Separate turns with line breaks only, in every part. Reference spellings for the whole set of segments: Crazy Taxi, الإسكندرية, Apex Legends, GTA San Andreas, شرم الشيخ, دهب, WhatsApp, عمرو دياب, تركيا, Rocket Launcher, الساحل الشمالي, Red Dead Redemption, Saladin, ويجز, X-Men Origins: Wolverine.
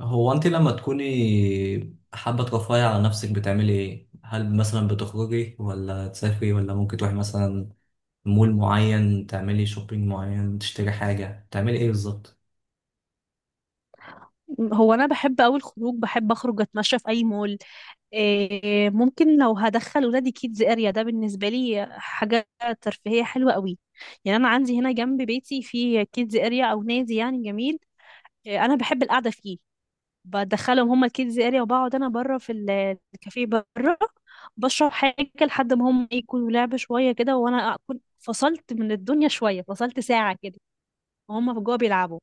هو انت لما تكوني حابة ترفهي على نفسك بتعملي ايه؟ هل مثلا بتخرجي ولا تسافري ولا ممكن تروحي مثلا مول معين تعملي شوبينج معين تشتري حاجة تعملي ايه بالظبط؟
هو انا بحب اوي الخروج. بحب اخرج اتمشى في اي مول. إيه، ممكن لو هدخل ولادي كيدز اريا ده بالنسبه لي حاجه ترفيهيه حلوه قوي. يعني انا عندي هنا جنب بيتي في كيدز اريا او نادي يعني جميل. إيه، انا بحب القعده فيه. بدخلهم هما الكيدز اريا وبقعد انا بره في الكافيه بره. بشرب حاجه لحد ما هم يكونوا لعبه شويه كده، وانا اكون فصلت من الدنيا شويه، فصلت ساعه كده وهم جوه بيلعبوا.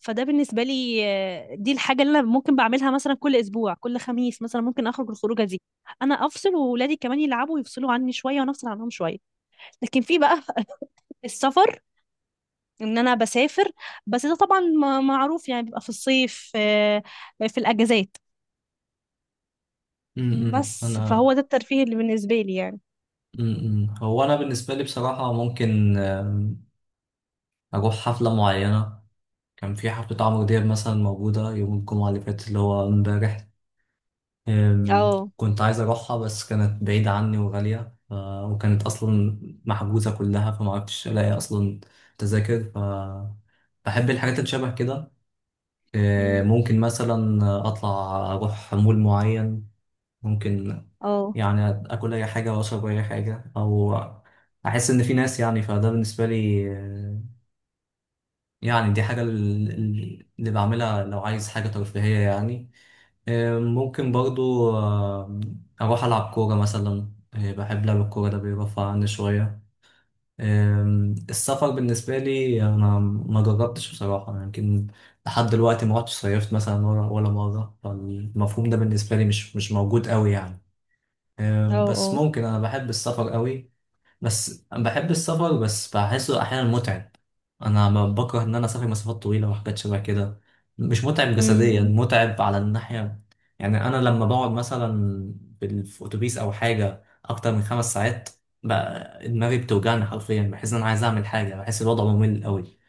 فده بالنسبة لي. دي الحاجة اللي أنا ممكن بعملها مثلا كل أسبوع، كل خميس مثلا ممكن أخرج الخروجة دي. أنا أفصل وولادي كمان يلعبوا ويفصلوا عني شوية وأنا أفصل عنهم شوية. لكن في بقى السفر، إن أنا بسافر. بس ده طبعا معروف يعني بيبقى في الصيف، في الأجازات. بس
انا
فهو ده الترفيه اللي بالنسبة لي يعني.
م- م. هو انا بالنسبة لي بصراحة ممكن اروح حفلة معينة. كان في حفلة عمرو دياب مثلا موجودة يوم الجمعة اللي فاتت اللي هو امبارح. أم،
اه.
كنت عايز أروحها بس كانت بعيدة عني وغالية. وكانت أصلا محجوزة كلها، فمعرفتش ألاقي أصلا تذاكر. ف بحب الحاجات اللي شبه كده.
مم.
ممكن مثلا أطلع، أروح مول معين، ممكن
اه،
يعني آكل أي حاجة وأشرب أي حاجة، أو أحس إن في ناس يعني. فده بالنسبة لي يعني دي حاجة اللي بعملها لو عايز حاجة ترفيهية يعني. ممكن برضو أروح ألعب كورة مثلا. بحب لعب الكورة، ده بيرفع عني شوية. السفر بالنسبة لي أنا ما جربتش بصراحة، يمكن لحد دلوقتي ما رحتش صيفت مثلا ولا ولا مرة، فالمفهوم ده بالنسبة لي مش موجود قوي يعني.
اه،
بس
اه.
ممكن أنا بحب السفر قوي، بس بحب السفر، بس بحسه احيانا متعب. انا ما بكره ان انا اسافر مسافات طويله وحاجات شبه كده، مش متعب جسديا،
أمم.
متعب على الناحيه يعني. انا لما بقعد مثلا في اتوبيس او حاجه اكتر من 5 ساعات، بقى دماغي بتوجعني حرفيا، بحس ان انا عايز اعمل حاجه، بحس الوضع ممل قوي.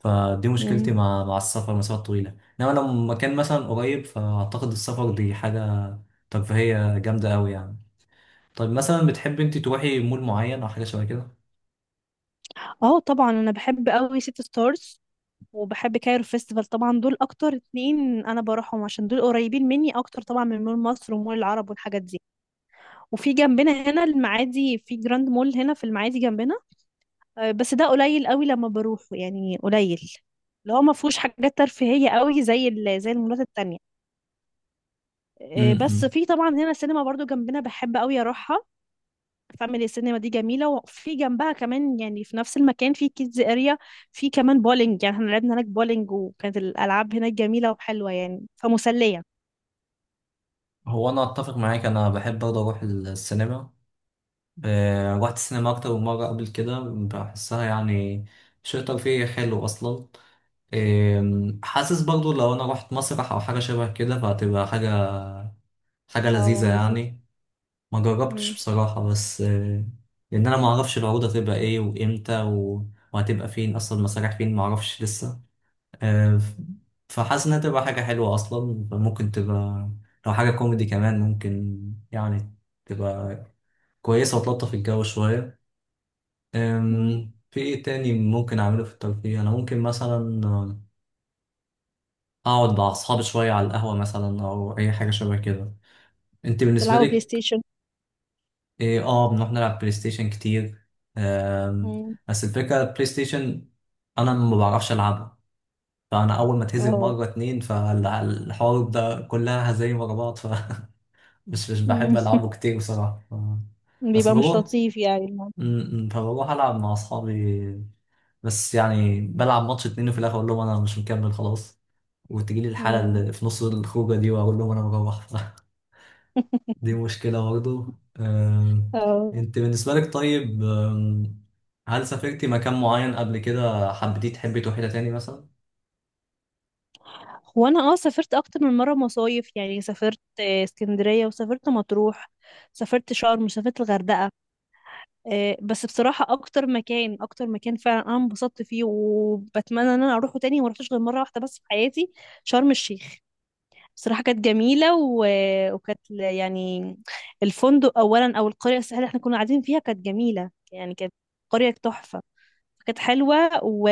فدي
أمم.
مشكلتي مع السفر مسافات طويله، انما لو مكان مثلا قريب فاعتقد السفر دي حاجه ترفيهيه جامده قوي يعني. طيب مثلا بتحب انت تروحي مول معين او حاجه شبه كده؟
اه، طبعا انا بحب قوي ست ستارز وبحب كايرو فيستيفال. طبعا دول اكتر اتنين انا بروحهم عشان دول قريبين مني اكتر، طبعا من مول مصر ومول العرب والحاجات دي. وفي جنبنا هنا المعادي في جراند مول هنا في المعادي جنبنا. بس ده قليل قوي لما بروحه يعني، قليل. اللي هو ما فيهوش حاجات ترفيهية قوي زي زي المولات التانية. بس
امم.
في طبعا هنا سينما برضو جنبنا بحب قوي اروحها. فاميلي سينما دي جميله، وفي جنبها كمان يعني في نفس المكان في كيدز اريا. في كمان بولينج، يعني احنا لعبنا هناك بولينج، وكانت الالعاب هناك جميله وحلوه يعني، فمسليه.
هو انا اتفق معاك، انا بحب برضه اروح السينما. رحت السينما اكتر من مره قبل كده، بحسها يعني شيء ترفيهي حلو اصلا. حاسس برضه لو انا رحت مسرح او حاجه شبه كده فهتبقى حاجه لذيذه
اه، لذيذ.
يعني. ما جربتش
مم.
بصراحه، بس لان انا ما اعرفش العروض هتبقى ايه وامتى وهتبقى فين، اصلا المسارح فين ما اعرفش لسه. آه، ف- فحاسس انها تبقى حاجة حلوة اصلا، فممكن تبقى لو حاجة كوميدي كمان ممكن يعني تبقى كويسة وتلطف الجو شوية.
مم.
في ايه تاني ممكن اعمله في الترفيه؟ انا ممكن مثلا اقعد مع اصحابي شوية على القهوة مثلا، او اي حاجة شبه كده. انت بالنسبة
تلعبوا بلاي
لك
ستيشن.
ايه؟ اه بنروح نلعب بلاي ستيشن كتير. آم،
مم.
بس الفكرة البلاي ستيشن انا ما بعرفش العبها، فانا اول ما اتهزم
اه.
مره اتنين فالحوار ده كلها هزايم ورا بعض، مش
مم.
بحب ألعبه كتير بصراحة. بس
بيبقى مش
بروح،
لطيف يعني الموضوع.
م- م، فبروح ألعب مع أصحابي بس، يعني بلعب ماتش اتنين وفي الآخر أقول لهم أنا مش مكمل خلاص، وتجيلي الحالة
مم.
اللي في نص الخروجة دي وأقول لهم أنا بروح. دي مشكلة برضه. آم،
اه.
أنت بالنسبة لك طيب هل سافرتي مكان معين قبل كده حبيتي تحبي تروحي له تاني مثلا؟
هو انا سافرت اكتر من مره مصايف، يعني سافرت اسكندريه، وسافرت مطروح. سافرت شرم وسافرت الغردقه. بس بصراحة أكتر مكان، أكتر مكان فعلا أنا انبسطت فيه وبتمنى إن أنا أروحه تاني، وما رحتش غير مرة واحدة بس في حياتي. شرم الشيخ. بصراحة كانت جميلة، و... وكانت يعني الفندق أولا أو القرية الساحلية اللي احنا كنا قاعدين فيها كانت جميلة، يعني كانت قرية تحفة. كانت حلوة، و...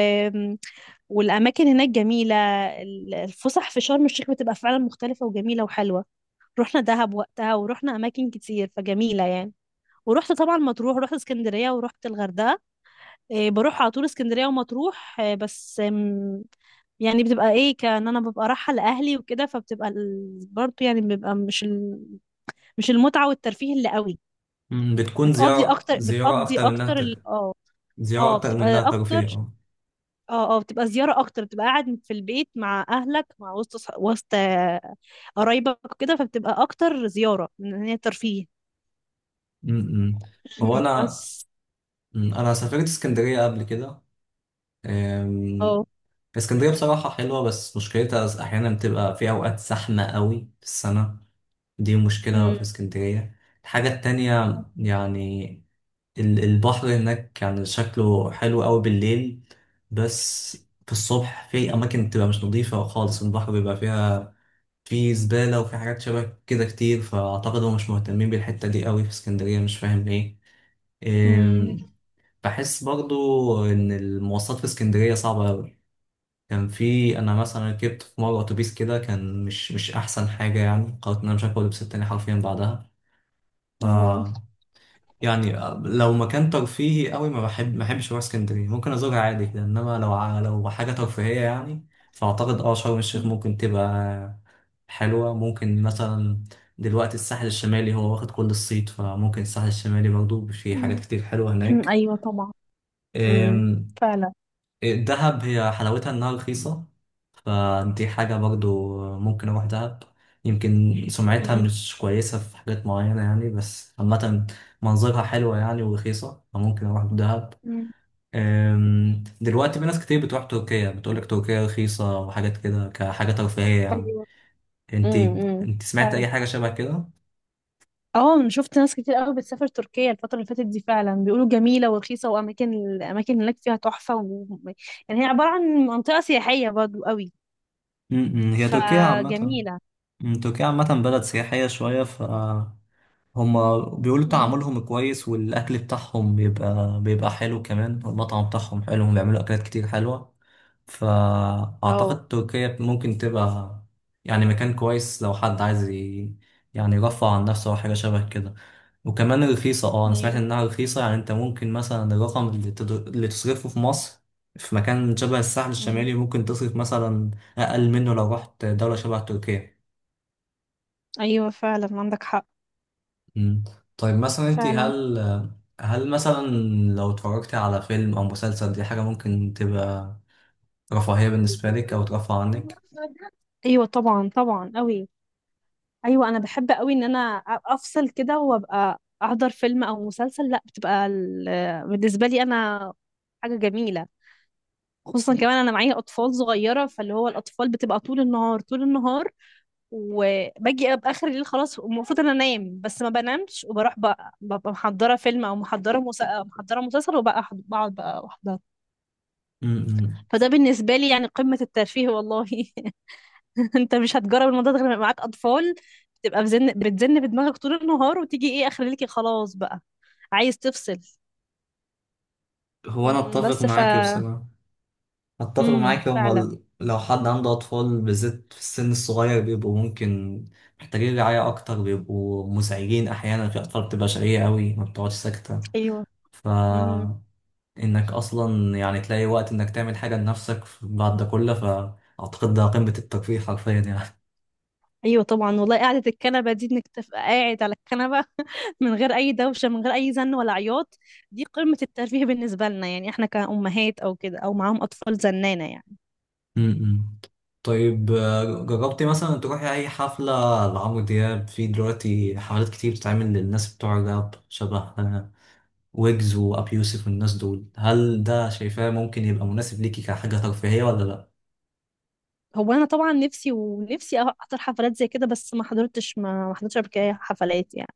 والأماكن هناك جميلة. الفسح في شرم الشيخ بتبقى فعلا مختلفة وجميلة وحلوة. رحنا دهب وقتها، ورحنا أماكن كتير، فجميلة يعني. ورحت طبعا مطروح، ورحت اسكندرية، ورحت الغردقة. إيه، بروح على طول اسكندرية ومطروح إيه، بس يعني بتبقى ايه، كأن انا ببقى رايحة لأهلي وكده، فبتبقى برضه يعني بيبقى مش مش المتعة والترفيه اللي قوي.
م، بتكون
بتقضي
زيارة
اكتر،
زيارة
بتقضي
أكتر من إنها
اكتر اه.
زيارة
اه،
أكتر من
بتبقى
إنها ترفيه،
اكتر.
أه.
اه، اه، بتبقى زيارة اكتر، بتبقى قاعد في البيت مع اهلك مع وسط وسط قرايبك وكده، فبتبقى اكتر زيارة من ان هي ترفيه.
م- م. هو
مم،
أنا
بس
انا سافرت اسكندريه قبل كده. أم،
اه.
اسكندريه بصراحه حلوه، بس مشكلتها احيانا بتبقى في اوقات زحمه قوي في السنه، دي مشكله
أمم.
في اسكندريه. الحاجه التانية يعني البحر هناك كان شكله حلو قوي بالليل، بس في الصبح في اماكن بتبقى مش نظيفه خالص، البحر بيبقى فيها في زباله وفي حاجات شبه كده كتير. فاعتقد هم مش مهتمين بالحته دي قوي في اسكندريه، مش فاهم
أمم.
ليه. بحس برضو ان المواصلات في اسكندريه صعبه قوي، كان في انا مثلا ركبت في مره اتوبيس كده كان مش احسن حاجه يعني، قررت ان انا مش هاكل لبس تاني حرفيا بعدها. ف
اه.
يعني لو مكان ترفيهي قوي ما بحبش اروح اسكندريه، ممكن ازورها عادي كده، انما لو لو حاجه ترفيهيه يعني، فاعتقد اه شرم الشيخ ممكن تبقى حلوه. ممكن مثلا دلوقتي الساحل الشمالي هو واخد كل الصيت، فممكن الساحل الشمالي برضو في حاجات
أمم.
كتير حلوه هناك.
ايوه طبعا. امم. فعلا.
دهب هي حلاوتها انها رخيصة، فدي حاجة برضو ممكن اروح دهب. يمكن سمعتها
مم.
مش كويسة في حاجات معينة يعني، بس عامة منظرها حلوة يعني ورخيصة، فممكن اروح دهب.
امم.
دلوقتي في ناس كتير بتروح تركيا، بتقولك تركيا رخيصة وحاجات كده كحاجة ترفيهية يعني.
ايوه.
انت
امم.
انت سمعت
فعلا.
اي حاجة شبه كده؟
اه، انا شفت ناس كتير قوي بتسافر تركيا الفترة اللي فاتت دي. فعلا بيقولوا جميلة ورخيصة، واماكن الاماكن هناك فيها تحفة. و... يعني هي عبارة عن منطقة سياحية برضو قوي،
م- م، هي تركيا عامة
فجميلة.
م، تركيا عامة بلد سياحية شوية، ف هما بيقولوا
امم.
تعاملهم كويس، والأكل بتاعهم بيبقى حلو كمان، والمطعم بتاعهم حلو، هم بيعملوا أكلات كتير حلوة.
اه.
فأعتقد تركيا ممكن تبقى يعني مكان كويس لو حد عايز يعني يرفع عن نفسه أو حاجة شبه كده. وكمان رخيصة، اه أنا سمعت
ايوه.
إنها رخيصة يعني. أنت ممكن مثلا الرقم اللي، اللي تصرفه في مصر في مكان شبه الساحل
امم.
الشمالي، ممكن تصرف مثلا أقل منه لو رحت دولة شبه تركيا.
ايوه، فعلا عندك حق.
مم. طيب مثلا انت
فعلا.
هل مثلا لو اتفرجتي على فيلم او مسلسل، دي حاجة ممكن تبقى رفاهية بالنسبة لك او ترفع عنك؟
ايوه طبعا، طبعا قوي. ايوه، انا بحب قوي ان انا افصل كده، وابقى احضر فيلم او مسلسل. لا، بتبقى بالنسبه لي انا حاجه جميله. خصوصا كمان انا معايا اطفال صغيره، فاللي هو الاطفال بتبقى طول النهار، طول النهار. وباجي ابقى اخر الليل خلاص المفروض انا انام، بس ما بنامش، وبروح بقى ببقى محضره فيلم او محضره مسلسل، وبقى بقعد بقى احضر.
مم.
فده بالنسبه لي يعني قمه الترفيه والله. انت مش هتجرب الموضوع ده غير لما يبقى معاك اطفال. بتبقى بتزن بدماغك طول النهار، وتيجي ايه اخر ليكي خلاص بقى عايز تفصل.
هو انا
مم،
اتفق
بس ف.
معاك بصراحة، اتفق
امم.
معاك. هما
فعلا.
لو حد عنده اطفال بالذات في السن الصغير بيبقوا ممكن محتاجين رعاية اكتر، بيبقوا مزعجين احيانا، في اطفال بتبقى شقية قوي ما بتقعدش ساكتة.
ايوه.
ف
امم.
انك اصلا يعني تلاقي وقت انك تعمل حاجة لنفسك بعد ده كله، ف اعتقد ده قمة الترفيه حرفيا يعني.
ايوه طبعا والله، قعده الكنبه دي، انك تبقى قاعد على الكنبه من غير اي دوشه، من غير اي زن ولا عياط. دي قمه الترفيه بالنسبه لنا، يعني احنا كامهات او كده، او معاهم اطفال زنانه يعني.
امم طيب. جربتي مثلا تروحي أي حفلة لعمرو دياب؟ في دلوقتي حفلات كتير بتتعمل للناس بتوع الراب شبه ويجز وأبي يوسف والناس دول، هل ده شايفاه ممكن يبقى مناسب ليكي كحاجة ترفيهية ولا لأ؟
هو انا طبعا نفسي ونفسي احضر حفلات زي كده، بس ما حضرتش قبل كده حفلات يعني.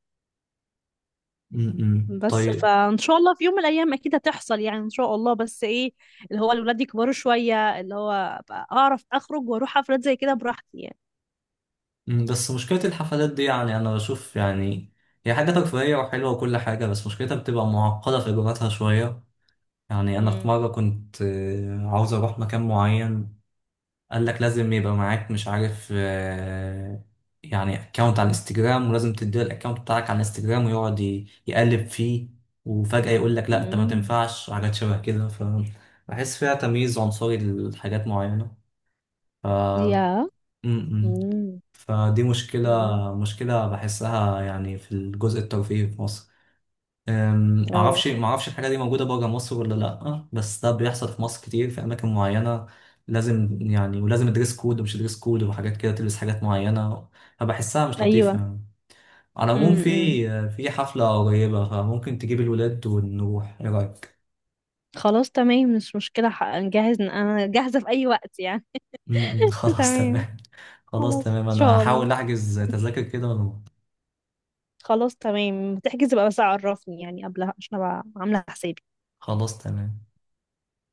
بس
طيب.
فان شاء الله في يوم من الايام اكيد هتحصل يعني ان شاء الله، بس ايه اللي هو الولاد يكبروا شويه، اللي هو أبقى اعرف اخرج واروح حفلات زي كده براحتي يعني.
بس مشكلة الحفلات دي يعني أنا بشوف يعني هي حاجة ترفيهية وحلوة وكل حاجة، بس مشكلتها بتبقى معقدة في إجراءاتها شوية. يعني أنا في
امم.
مرة كنت عاوز أروح مكان معين، قال لك لازم يبقى معاك مش عارف يعني اكونت على الانستجرام، ولازم تديله الاكونت بتاعك على الانستجرام ويقعد يقلب فيه، وفجأة يقول لك لا انت ما
امم.
تنفعش وحاجات شبه كده، فبحس فيها تمييز عنصري لحاجات معينة. ف
يا
م-م.
امم.
فدي مشكلة
أمم.
مشكلة بحسها يعني في الجزء الترفيهي في مصر. أم،
أو
معرفش معرفش الحاجة دي موجودة بره مصر ولا لأ، بس ده بيحصل في مصر كتير في أماكن معينة. لازم يعني ولازم دريس كود ومش دريس كود وحاجات كده، تلبس حاجات معينة، فبحسها مش
ايوه.
لطيفة يعني. على العموم في
امم.
في حفلة قريبة، فممكن تجيب الولاد ونروح، إيه رأيك؟
خلاص تمام مش مشكله، نجهز، انا جاهزه في اي وقت يعني.
م- م، خلاص
تمام.
تمام، خلاص
خلاص
تمام.
ان
أنا
شاء الله.
هحاول أحجز تذاكر كده ونروح.
خلاص تمام، تحجز بقى بس عرفني يعني قبلها عشان ابقى عامله حسابي.
خلاص تمام.